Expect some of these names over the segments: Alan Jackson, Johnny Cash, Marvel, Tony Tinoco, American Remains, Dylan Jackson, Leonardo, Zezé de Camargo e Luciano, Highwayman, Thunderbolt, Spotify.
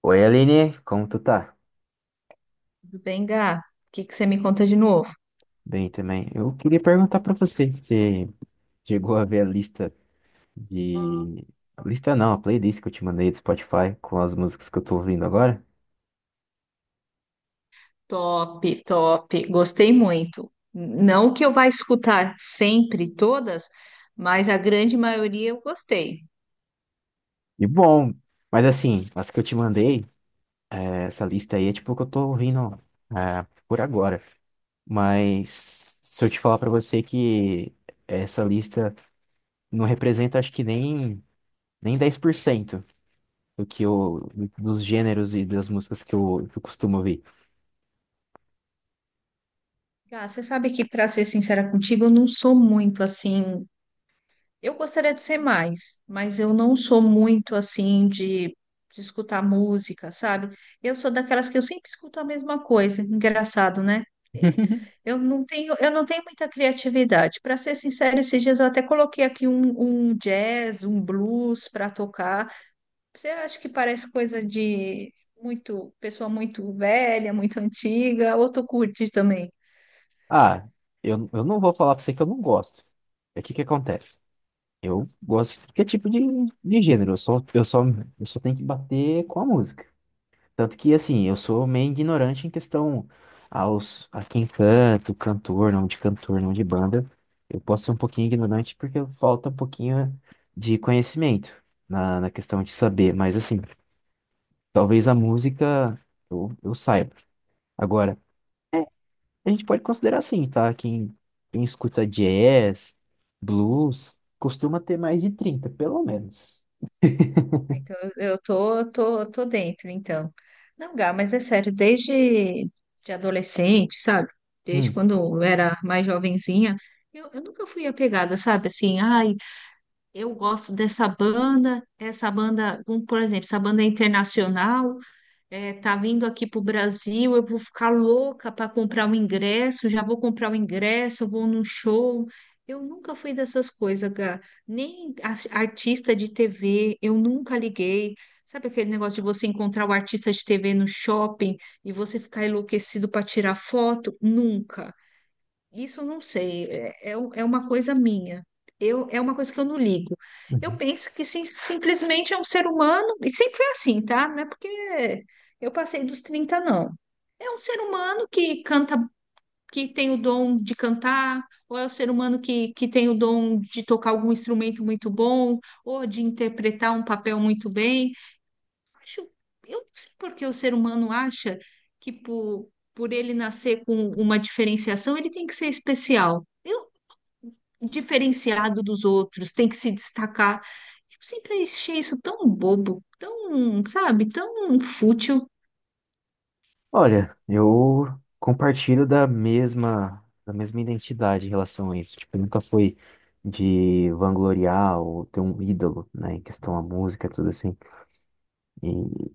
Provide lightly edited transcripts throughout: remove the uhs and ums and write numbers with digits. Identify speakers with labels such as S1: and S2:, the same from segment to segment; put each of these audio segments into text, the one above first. S1: Oi, Aline, como tu tá?
S2: Tudo bem, Gá? O que que você me conta de novo?
S1: Bem também. Eu queria perguntar pra você se você chegou a ver a lista de... A lista não, a playlist que eu te mandei do Spotify com as músicas que eu tô ouvindo agora.
S2: Top, top. Gostei muito. Não que eu vá escutar sempre todas, mas a grande maioria eu gostei.
S1: E bom, mas assim, as que eu te mandei, essa lista aí é tipo o que eu tô ouvindo por agora. Mas se eu te falar pra você que essa lista não representa acho que nem 10% do que eu, dos gêneros e das músicas que eu costumo ouvir.
S2: Gá, você sabe que, para ser sincera contigo, eu não sou muito assim. Eu gostaria de ser mais, mas eu não sou muito assim de escutar música, sabe? Eu sou daquelas que eu sempre escuto a mesma coisa. Engraçado, né? É, eu não tenho muita criatividade. Para ser sincera, esses dias eu até coloquei aqui um jazz, um blues para tocar. Você acha que parece coisa de muito pessoa muito velha, muito antiga, ou tu curte também?
S1: Ah, eu não vou falar pra você que eu não gosto. É o que que acontece? Eu gosto de qualquer tipo de gênero. Eu só tenho que bater com a música. Tanto que, assim, eu sou meio ignorante em questão aos, a quem canto, cantor, não de banda. Eu posso ser um pouquinho ignorante porque falta um pouquinho de conhecimento na questão de saber. Mas, assim, talvez a música eu saiba. Agora, a gente pode considerar assim, tá? Quem escuta jazz, blues, costuma ter mais de 30 pelo menos.
S2: Então, eu tô dentro, então. Não, Gá, mas é sério, desde de adolescente, sabe? Desde
S1: Hum,
S2: quando eu era mais jovenzinha, eu nunca fui apegada, sabe? Assim, ai, eu gosto dessa banda, essa banda, por exemplo, essa banda é internacional, tá vindo aqui pro Brasil, eu vou ficar louca para comprar o ingresso, já vou comprar o ingresso, eu vou num show. Eu nunca fui dessas coisas, Gá. Nem as- artista de TV, eu nunca liguei. Sabe aquele negócio de você encontrar o artista de TV no shopping e você ficar enlouquecido para tirar foto? Nunca. Isso eu não sei, é uma coisa minha. Eu, é uma coisa que eu não ligo. Eu
S1: uhum.
S2: penso que simplesmente é um ser humano, e sempre foi assim, tá? Não é porque eu passei dos 30 não. É um ser humano que canta, que tem o dom de cantar, ou é um ser humano que tem o dom de tocar algum instrumento muito bom, ou de interpretar um papel muito bem acho, eu não sei por que o ser humano acha que por ele nascer com uma diferenciação, ele tem que ser especial. Eu, diferenciado dos outros, tem que se destacar. Eu sempre achei isso tão bobo, tão, sabe, tão fútil.
S1: Olha, eu compartilho da mesma identidade em relação a isso. Tipo, nunca foi de vangloriar ou ter um ídolo, né, em questão à música, tudo assim. E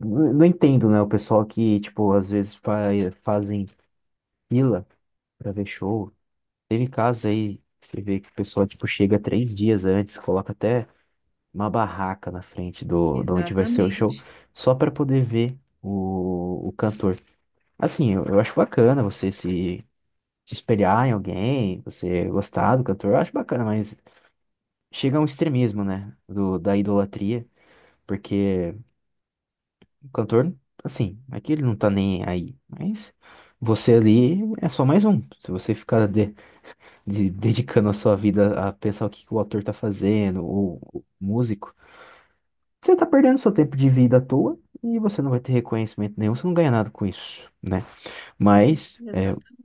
S1: não entendo, né, o pessoal que, tipo, às vezes fa fazem fila pra ver show. Teve casos aí, que você vê que o pessoal, tipo, chega 3 dias antes, coloca até uma barraca na frente do, de onde vai ser o show,
S2: Exatamente,
S1: só para poder ver o cantor. Assim, eu acho bacana você se, se espelhar em alguém, você gostar do cantor, eu acho bacana, mas chega a um extremismo, né, do, da idolatria, porque o cantor, assim, aqui ele não tá nem aí, mas você ali é só mais um. Se você ficar dedicando a sua vida a pensar o que que o autor tá fazendo, ou o músico, você tá perdendo seu tempo de vida à toa e você não vai ter reconhecimento nenhum, você não ganha nada com isso, né? Mas, é,
S2: exata-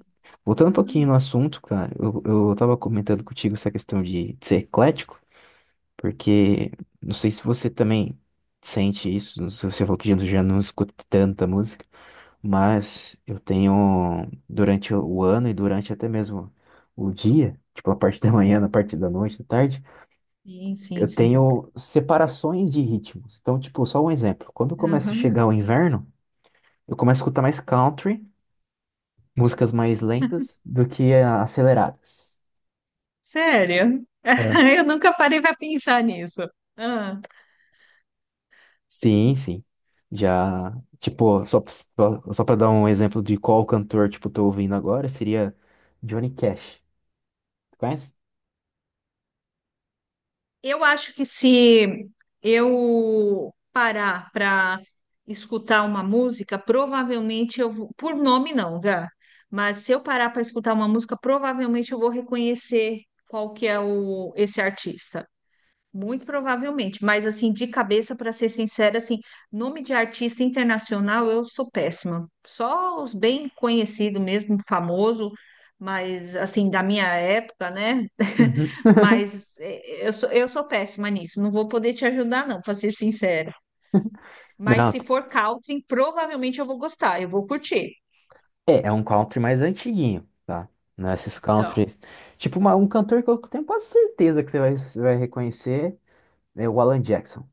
S1: voltando um pouquinho no
S2: exatamente.
S1: assunto, cara, eu tava comentando contigo essa questão de ser eclético, porque não sei se você também sente isso, não sei se você falou que já não escuta tanta música, mas eu tenho, durante o ano e durante até mesmo o dia, tipo a parte da manhã, na parte da noite, da tarde,
S2: Sim, sim,
S1: eu
S2: sim.
S1: tenho separações de ritmos. Então, tipo, só um exemplo. Quando começa a
S2: Aham.
S1: chegar o inverno, eu começo a escutar mais country, músicas mais lentas do que ah, aceleradas.
S2: Sério?
S1: É.
S2: Eu nunca parei para pensar nisso. Ah.
S1: Sim, sim. Já, tipo, só para dar um exemplo de qual cantor, tipo, tô ouvindo agora, seria Johnny Cash. Conhece?
S2: Eu acho que se eu parar para escutar uma música, provavelmente eu vou, por nome não, Gá, mas se eu parar para escutar uma música, provavelmente eu vou reconhecer qual que é o, esse artista. Muito provavelmente, mas assim, de cabeça, para ser sincera, assim, nome de artista internacional eu sou péssima. Só os bem conhecidos mesmo, famoso, mas assim, da minha época, né?
S1: Uhum.
S2: Mas é, eu sou péssima nisso, não vou poder te ajudar, não, para ser sincera. Mas
S1: Não,
S2: se for country, provavelmente eu vou gostar, eu vou curtir.
S1: é, é um country mais antiguinho, tá? Não é esses
S2: Não.
S1: country. Tipo, um cantor que eu tenho quase certeza que você vai reconhecer é o Alan Jackson.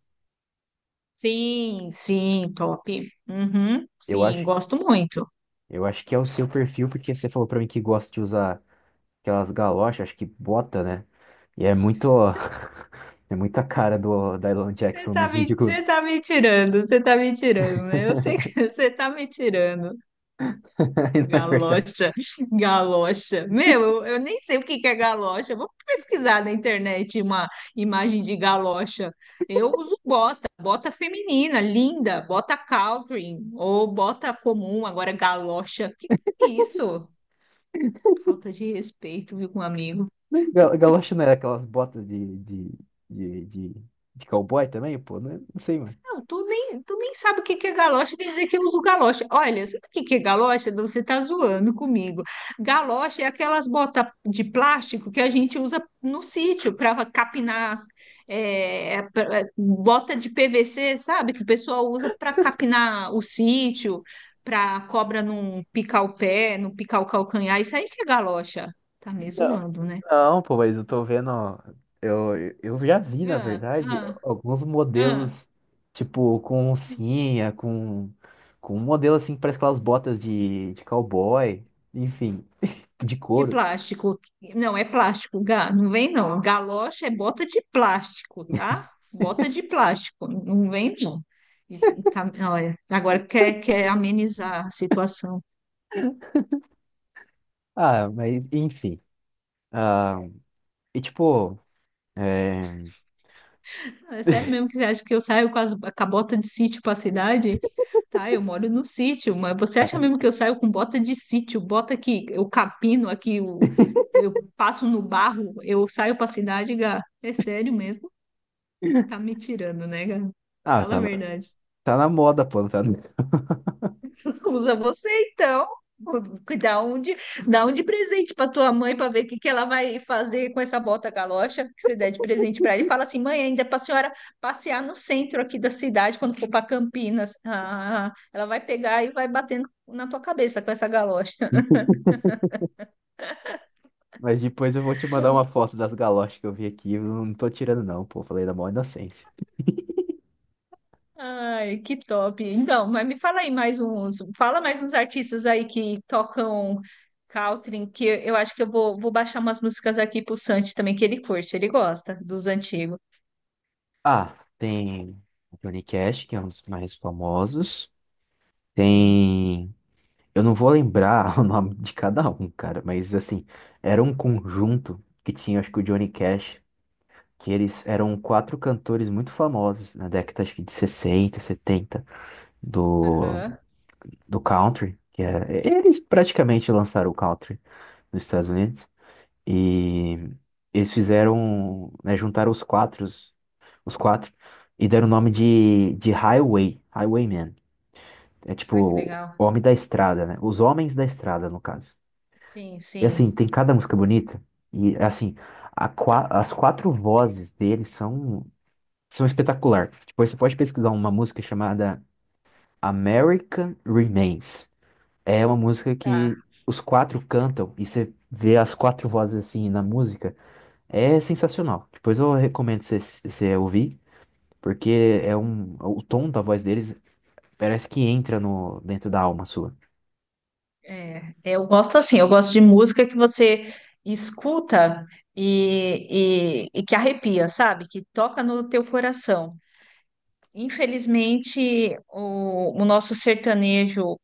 S2: Sim, sim, top. Uhum,
S1: Eu
S2: sim,
S1: acho,
S2: gosto muito.
S1: eu acho que é o seu perfil, porque você falou pra mim que gosta de usar aquelas galochas, acho que bota, né? E é muito, é muita cara do Dylan Jackson nos videoclubes.
S2: Você tá me tirando, né? Eu sei que você tá me tirando.
S1: E não é verdade.
S2: Galocha, galocha. Meu, eu nem sei o que que é galocha. Eu vou pesquisar na internet uma imagem de galocha. Eu uso bota, bota feminina, linda, bota Calvin ou bota comum, agora galocha. Que é isso? Falta de respeito, viu, com um amigo.
S1: Não, galocha não era aquelas botas de, de, de cowboy também, pô? Não, é, não sei, mano.
S2: Não, tu nem sabe o que que é galocha, quer dizer que eu uso galocha. Olha, sabe o que que é galocha? Você tá zoando comigo. Galocha é aquelas botas de plástico que a gente usa no sítio para capinar, bota de PVC, sabe? Que o pessoal usa para capinar o sítio, para cobra não picar o pé, não picar o calcanhar. Isso aí que é galocha. Tá me zoando, né?
S1: Não, pô, mas eu tô vendo. Ó, Eu, eu já vi, na
S2: Ah,
S1: verdade,
S2: ah,
S1: alguns
S2: ah.
S1: modelos, tipo, com oncinha, com um modelo assim que parece aquelas botas de cowboy, enfim, de
S2: De
S1: couro.
S2: plástico. Não, é plástico, Gá. Não vem, não. Galocha é bota de plástico, tá? Bota de plástico. Não vem, não. E olha, agora quer, quer amenizar a situação.
S1: Ah, mas enfim. Ah, e tipo, é,
S2: É sério mesmo que você acha que eu saio com, as, com a bota de sítio para a cidade? Tá, eu moro no sítio, mas você acha mesmo que eu saio com bota de sítio? Bota que eu capino aqui, o eu passo no barro, eu saio para a cidade, Gá. É sério mesmo? Tá me tirando, né, Gá?
S1: ah,
S2: Fala a
S1: tá,
S2: verdade.
S1: tá na moda, pô, não tá...
S2: Usa você então. Dá um de, dá um de presente para tua mãe para ver o que ela vai fazer com essa bota galocha que você der de presente para ele. Fala assim, mãe, ainda é para a senhora passear no centro aqui da cidade quando for para Campinas. Ah, ela vai pegar e vai batendo na tua cabeça com essa galocha.
S1: mas depois eu vou te mandar uma foto das galochas que eu vi aqui. Eu não tô tirando, não, pô. Falei da maior inocência.
S2: Ai, que top. Então, mas me fala aí mais uns, fala mais uns artistas aí que tocam country, que eu acho que vou baixar umas músicas aqui pro Santi também que ele curte, ele gosta dos antigos.
S1: Ah, tem o Johnny Cash, que é um dos mais famosos.
S2: Sim.
S1: Tem. Eu não vou lembrar o nome de cada um, cara, mas assim, era um conjunto que tinha, acho que o Johnny Cash, que eles eram quatro cantores muito famosos na década, acho que de 60, 70 do,
S2: Aham.
S1: do country, que é... eles praticamente lançaram o country nos Estados Unidos. E eles fizeram, né, juntaram os quatro, e deram o nome de Highway, Highwayman. É
S2: Ai, que
S1: tipo,
S2: legal.
S1: Homem da Estrada, né? Os Homens da Estrada, no caso.
S2: Sim,
S1: E assim,
S2: sim.
S1: tem cada música bonita, e é assim, as quatro vozes deles são espetacular. Depois você pode pesquisar uma música chamada American Remains. É uma música
S2: Tá.
S1: que os quatro cantam, e você vê as quatro vozes assim na música, é sensacional. Depois eu recomendo você ouvir. Porque é um, o tom da voz deles parece que entra no, dentro da alma sua.
S2: É, eu gosto assim, eu gosto de música que você escuta e que arrepia, sabe? Que toca no teu coração. Infelizmente, o nosso sertanejo,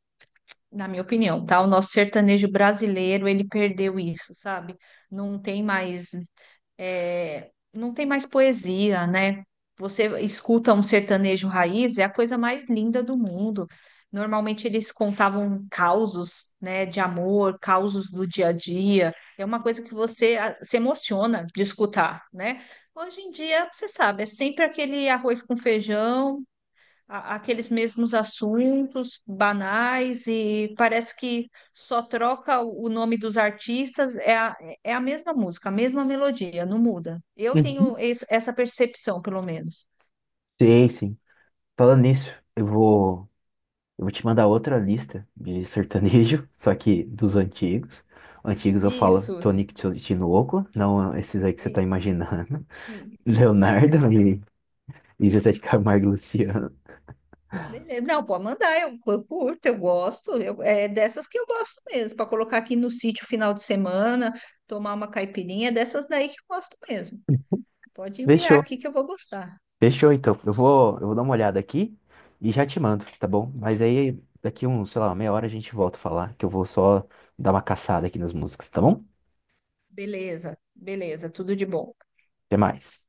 S2: na minha opinião, tá? O nosso sertanejo brasileiro, ele perdeu isso, sabe? Não tem mais. É, não tem mais poesia, né? Você escuta um sertanejo raiz, é a coisa mais linda do mundo. Normalmente eles contavam causos, né, de amor, causos do dia a dia. É uma coisa que você se emociona de escutar, né? Hoje em dia, você sabe, é sempre aquele arroz com feijão, aqueles mesmos assuntos banais e parece que só troca o nome dos artistas, é a mesma música, a mesma melodia, não muda. Eu
S1: Uhum.
S2: tenho essa percepção, pelo menos.
S1: Sei, sim. Falando nisso, eu vou, eu vou te mandar outra lista de sertanejo, só que dos antigos. Antigos eu falo
S2: Isso.
S1: Tony Tinoco, não esses aí que você tá
S2: E-
S1: imaginando.
S2: e-
S1: Leonardo e Zezé de Camargo e Luciano.
S2: beleza. Não, pode mandar, eu curto, eu gosto, é dessas que eu gosto mesmo, para colocar aqui no sítio final de semana, tomar uma caipirinha, é dessas daí que eu gosto mesmo. Pode enviar
S1: Fechou.
S2: aqui que eu vou gostar.
S1: Fechou, então. Eu vou dar uma olhada aqui e já te mando, tá bom? Mas aí daqui um, sei lá, meia hora a gente volta a falar, que eu vou só dar uma caçada aqui nas músicas, tá bom?
S2: Beleza, beleza, tudo de bom.
S1: Até mais.